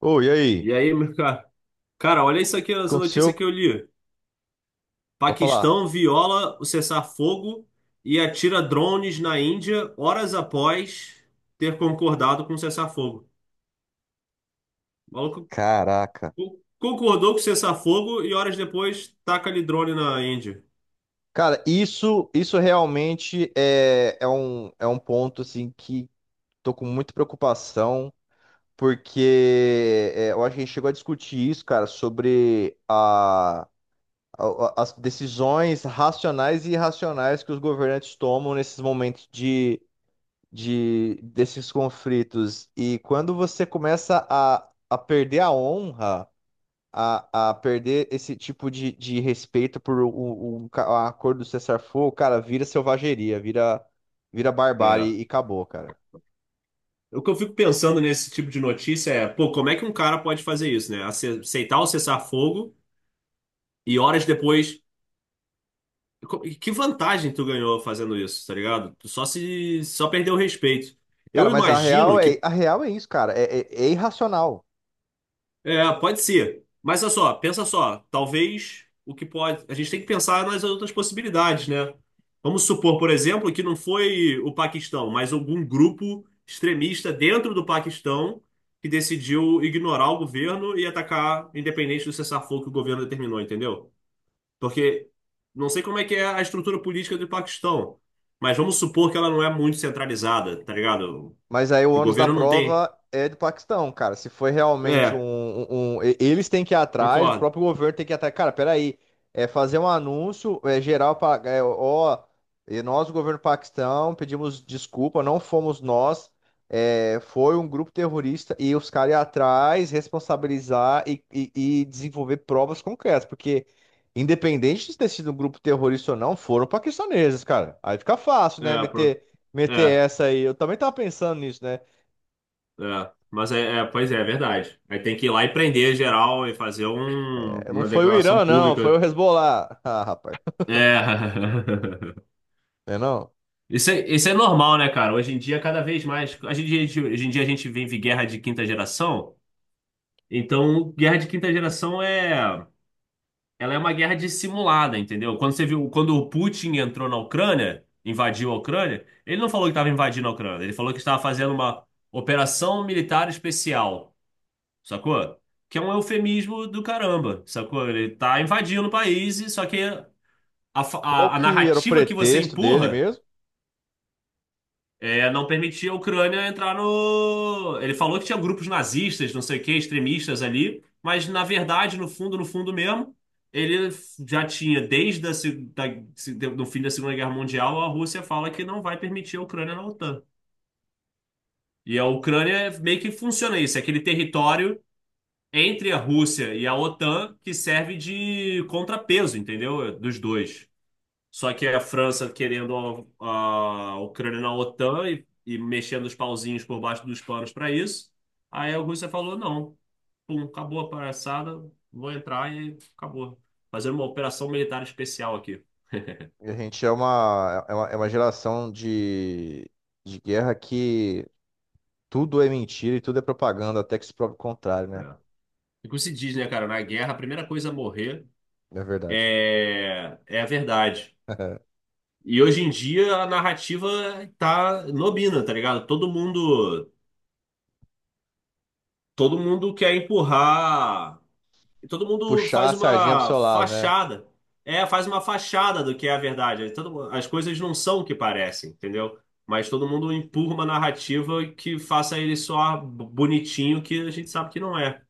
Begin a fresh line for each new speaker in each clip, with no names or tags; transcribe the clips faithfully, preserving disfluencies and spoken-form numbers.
Ô, e aí? O que
E aí, meu cara? Cara, olha isso aqui, essa notícia
aconteceu?
que eu li.
Pode falar.
Paquistão viola o cessar-fogo e atira drones na Índia horas após ter concordado com o cessar-fogo. O maluco
Caraca.
co- concordou com o cessar-fogo e horas depois taca ali drone na Índia.
Cara, isso, isso realmente é, é um, é um ponto assim que tô com muita preocupação, porque é, eu acho que a gente chegou a discutir isso, cara, sobre a, a- as decisões racionais e irracionais que os governantes tomam nesses momentos de, de desses conflitos. E quando você começa a, a perder a honra, a, a perder esse tipo de, de respeito por um, um, ca- a cor do cessar-fogo, cara, vira selvageria, vira, vira
É.
barbárie e acabou, cara.
O que eu fico pensando nesse tipo de notícia é, pô, como é que um cara pode fazer isso, né? Ace- Aceitar o cessar-fogo e horas depois co- e que vantagem tu ganhou fazendo isso, tá ligado? Tu só se só perdeu o respeito.
Cara,
Eu
mas a real
imagino
é,
que
a real é isso, cara. É, é, é irracional.
é, pode ser, mas olha só, pensa só, talvez o que pode, a gente tem que pensar nas outras possibilidades, né? Vamos supor, por exemplo, que não foi o Paquistão, mas algum grupo extremista dentro do Paquistão que decidiu ignorar o governo e atacar, independente do cessar-fogo que o governo determinou, entendeu? Porque não sei como é que é a estrutura política do Paquistão, mas vamos supor que ela não é muito centralizada, tá ligado?
Mas aí o
Que o
ônus da
governo não tem.
prova é do Paquistão, cara. Se foi realmente um,
É,
um- um- e- eles têm que ir atrás, o
concordo.
próprio governo tem que ir atrás. Cara, peraí. É fazer um anúncio é geral para. É, ó, e nós, o governo do Paquistão, pedimos desculpa, não fomos nós. É, foi um grupo terrorista e os caras ir atrás, responsabilizar e, e- e desenvolver provas concretas. Porque, independente de ter sido um grupo terrorista ou não, foram paquistaneses, cara. Aí fica fácil, né?
É, pro-
Meter meter
é,
essa aí. Eu também tava pensando nisso, né?
é. Mas é, é, pois é, é verdade. Aí tem que ir lá e prender geral e fazer um-
É, não
uma
foi o
declaração
Irã, não, foi
pública.
o Hezbollah. Ah, rapaz,
É.
não é não?
Isso é, isso é normal, né, cara? Hoje em dia, cada vez mais. Hoje em dia, a gente hoje em dia a gente vive guerra de quinta geração. Então, guerra de quinta geração é. Ela é uma guerra dissimulada, entendeu? Quando você viu, quando o Putin entrou na Ucrânia, invadiu a Ucrânia, ele não falou que estava invadindo a Ucrânia, ele falou que estava fazendo uma operação militar especial, sacou? Que é um eufemismo do caramba, sacou? Ele tá invadindo o país, e só que a, fa-
Qual
a, a
que era o
narrativa que você
pretexto dele
empurra
mesmo?
é, não permitia a Ucrânia entrar no. Ele falou que tinha grupos nazistas, não sei o quê, extremistas ali, mas na verdade, no fundo, no fundo mesmo, ele já tinha, desde a, se- da, se- do fim da Segunda Guerra Mundial, a Rússia fala que não vai permitir a Ucrânia na OTAN. E a Ucrânia meio que funciona isso, é aquele território entre a Rússia e a OTAN que serve de contrapeso, entendeu? Dos dois. Só que a França querendo a, a Ucrânia na OTAN e, e mexendo os pauzinhos por baixo dos panos para isso. Aí a Rússia falou: não, pum, acabou a palhaçada, vou entrar e acabou. Fazendo uma operação militar especial aqui.
A gente é uma, é uma, é uma geração de, de guerra que tudo é mentira e tudo é propaganda, até que se prove o contrário,
É.
né?
E como se diz, né, cara? Na guerra, a primeira coisa a morrer
É verdade.
é, é a verdade. E hoje em dia a narrativa tá nobina, tá ligado? Todo mundo, todo mundo quer empurrar. E todo mundo
Puxar
faz
a sardinha pro
uma
seu lado, né?
fachada. É, faz uma fachada do que é a verdade. Aí todo mu- as coisas não são o que parecem, entendeu? Mas todo mundo empurra uma narrativa que faça ele só bonitinho, que a gente sabe que não é.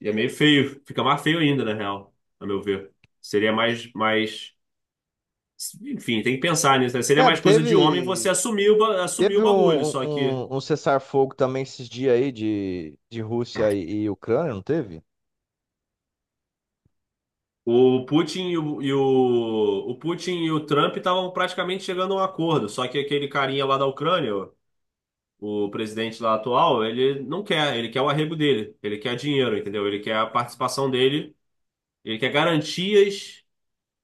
E é meio feio. Fica mais feio ainda, na real, a meu ver. Seria mais, mais... Enfim, tem que pensar nisso, né? Seria
Cara,
mais coisa de homem você
teve,
assumir o, ba- assumir
teve
o bagulho.
um, um,
Só que
um um cessar-fogo também esses dias aí de, de Rússia e, e Ucrânia, não teve?
o Putin e o, e o, o Putin e o Trump estavam praticamente chegando a um acordo, só que aquele carinha lá da Ucrânia, o presidente lá atual, ele não quer, ele quer o arrego dele, ele quer dinheiro, entendeu? Ele quer a participação dele, ele quer garantias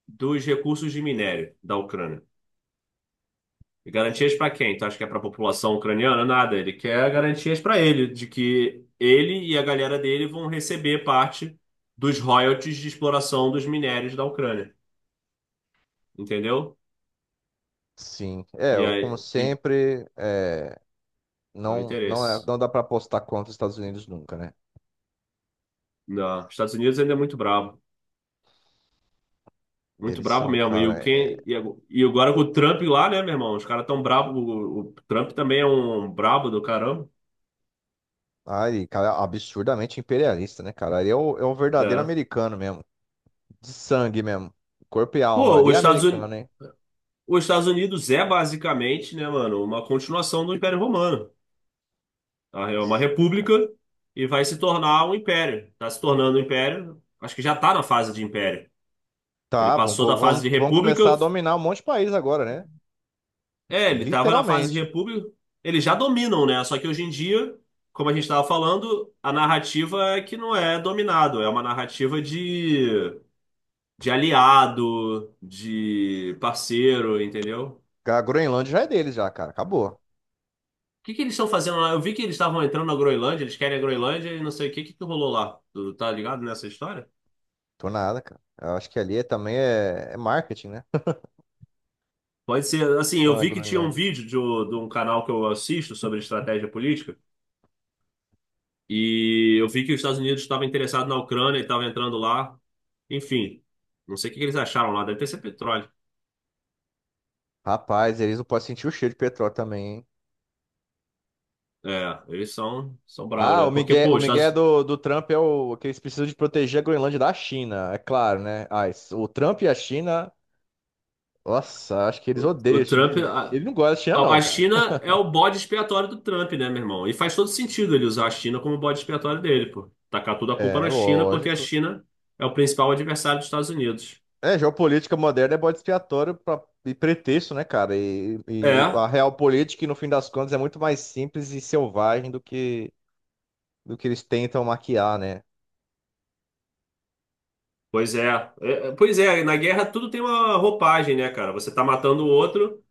dos recursos de minério da Ucrânia. E garantias para quem? Tu acha que é para a população ucraniana? Nada, ele quer garantias para ele, de que ele e a galera dele vão receber parte dos royalties de exploração dos minérios da Ucrânia. Entendeu?
Sim, é,
E
eu, como
aí, então,
sempre, é, não, não, é,
interesse.
não dá pra apostar contra os Estados Unidos nunca, né?
Não, Estados Unidos ainda é muito bravo. Muito
Eles
bravo
são,
mesmo. E, o
cara, é,
quem, e ago- e agora com o Trump lá, né, meu irmão? Os caras tão brabo. O, o Trump também é um brabo do caramba.
ai, cara, absurdamente imperialista, né, cara? Ele é o, é o verdadeiro
É.
americano mesmo, de sangue mesmo, corpo e alma,
Pô,
ali é
os Estados, Uni-
americano, hein?
os Estados Unidos é basicamente, né, mano, uma continuação do Império Romano. Tá? É uma
São, cara.
república e vai se tornar um império. Tá se tornando um império. Acho que já tá na fase de império. Ele
Tá, vão,
passou da
go-
fase
vão,
de
vão
república.
começar a dominar um monte de país agora, né?
É, ele estava na fase de
Literalmente.
república. Eles já dominam, né? Só que hoje em dia, como a gente estava falando, a narrativa é que não é dominado, é uma narrativa de, de aliado, de parceiro, entendeu?
A Groenlândia já é deles já, cara, acabou.
O que que eles estão fazendo lá? Eu vi que eles estavam entrando na Groenlândia, eles querem a Groenlândia e não sei o que, que que rolou lá. Tu tá ligado nessa história?
Tô nada, cara. Eu acho que ali é, também é, é marketing, né?
Pode ser, assim, eu
Lá na
vi que tinha um
Groenlândia.
vídeo de, um- de um canal que eu assisto sobre estratégia política e eu vi que os Estados Unidos estavam interessados na Ucrânia e estavam entrando lá. Enfim, não sei o que que eles acharam lá, deve ter sido petróleo.
Rapaz, eles não podem sentir o cheiro de petróleo também, hein?
É, eles são, são bravos,
Ah,
né?
o
Porque,
Miguel,
pô,
o
os
Miguel
Estados,
do, do Trump é o que eles precisam de proteger a Groenlândia da China, é claro, né? Ah, isso- o Trump e a China, nossa, acho que eles
o, o
odeiam a China.
Trump.
Ele
A,
ele não gosta da China,
a
não,
a
cara.
China é o bode expiatório do Trump, né, meu irmão? E faz todo sentido ele usar a China como bode expiatório dele, pô. Tacar toda a culpa
É,
na China, porque a
lógico.
China é o principal adversário dos Estados Unidos.
É, geopolítica moderna é bode expiatório pra, e pretexto, né, cara? E, e
É,
a real política, no fim das contas, é muito mais simples e selvagem do que, do que eles tentam maquiar, né?
pois é. É, é, Pois é, na guerra tudo tem uma roupagem, né, cara? Você tá matando o outro,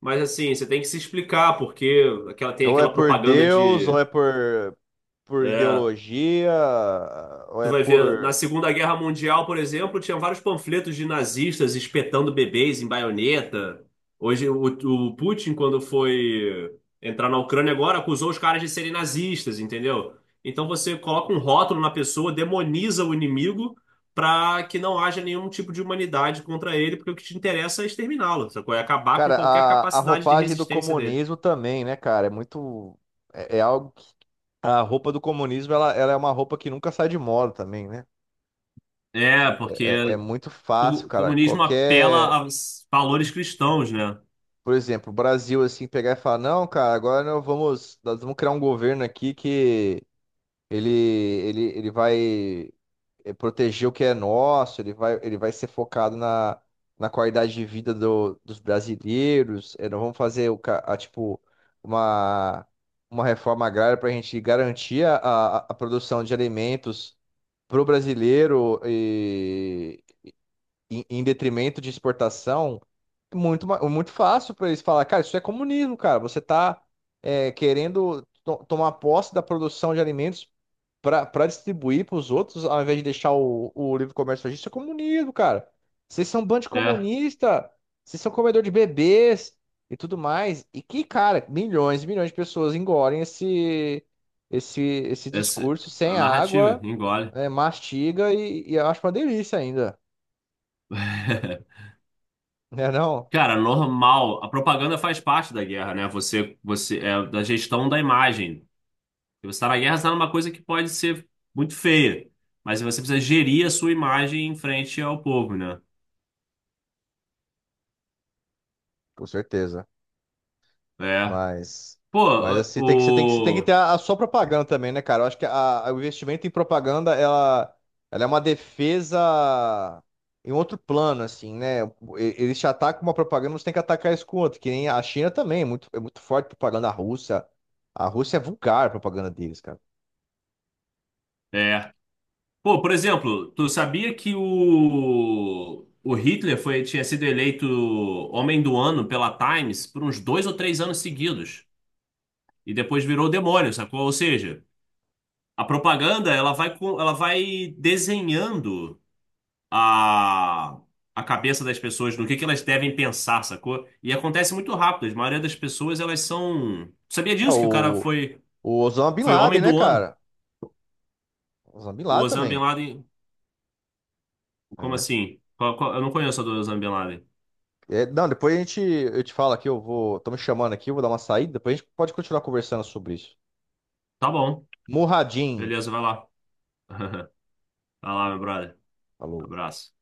mas assim, você tem que se explicar, porque aquela, tem
Ou é
aquela
por
propaganda
Deus, ou
de.
é por, por
É,
ideologia, ou
tu
é
vai ver, na
por.
Segunda Guerra Mundial, por exemplo, tinha vários panfletos de nazistas espetando bebês em baioneta. Hoje, o, o Putin, quando foi entrar na Ucrânia agora, acusou os caras de serem nazistas, entendeu? Então você coloca um rótulo na pessoa, demoniza o inimigo para que não haja nenhum tipo de humanidade contra ele, porque o que te interessa é exterminá-lo, sacou? É acabar com
Cara,
qualquer
a, a
capacidade de
roupagem do
resistência dele.
comunismo também, né, cara? É muito. É, é algo que. A roupa do comunismo, ela, ela é uma roupa que nunca sai de moda também, né?
É,
É, é é
porque
muito fácil,
o
cara.
comunismo apela
Qualquer.
a valores cristãos, né?
Por exemplo, o Brasil, assim, pegar e falar: não, cara, agora nós vamos, nós vamos criar um governo aqui que ele, ele, ele vai. É, proteger o que é nosso, ele vai, ele vai ser focado na, na qualidade de vida do- dos brasileiros. É, não vamos fazer o, ca- a, tipo uma, uma reforma agrária para a gente garantir a, a, a produção de alimentos para o brasileiro e, em, em detrimento de exportação. É muito, ma- muito fácil para eles falar, cara, isso é comunismo, cara. Você está querendo to- tomar posse da produção de alimentos para distribuir para os outros, ao invés de deixar o, o livre comércio agir, isso é comunismo, cara. Vocês são um bando de
É.
comunista, vocês são comedor de bebês e tudo mais. E que, cara, milhões e milhões de pessoas engolem esse, esse, esse
Essa,
discurso sem
a narrativa,
água,
engole.
né, mastiga e, e eu acho uma delícia ainda, né não?
Cara, normal. A propaganda faz parte da guerra, né? Você, você é da gestão da imagem. Se você está na guerra, você está numa coisa que pode ser muito feia, mas você precisa gerir a sua imagem em frente ao povo, né?
Com certeza.
É.
Mas,
Pô,
mas assim, tem que, você tem que, você tem que
o
ter
o-
a, a sua propaganda também, né, cara? Eu acho que a, a- o investimento em propaganda, ela, ela é uma defesa em outro plano, assim, né? E- eles te atacam com uma propaganda, você tem que atacar isso com outra, que nem a China também, é muito, é muito forte a propaganda russa. A Rússia é vulgar a propaganda deles, cara.
é. Pô, por exemplo, tu sabia que o o Hitler foi tinha sido eleito homem do ano pela Times por uns dois ou três anos seguidos e depois virou demônio, sacou? Ou seja, a propaganda, ela vai com, ela vai desenhando a, a cabeça das pessoas no que que elas devem pensar, sacou? E acontece muito rápido. A maioria das pessoas, elas são... Sabia
É,
disso que o cara
o,
foi
o Osama Bin
foi homem
Laden, né,
do ano?
cara? Osama Bin
O
Laden
Osama Bin
também.
Laden, como
É.
assim? Qual- qual- Eu não conheço a do Osama Bin Laden.
É, não, depois a gente, eu te falo aqui, eu vou, tô me chamando aqui, eu vou dar uma saída, depois a gente pode continuar conversando sobre isso.
Tá bom.
Muradin,
Beleza, vai lá. Vai lá, meu brother.
falou.
Abraço.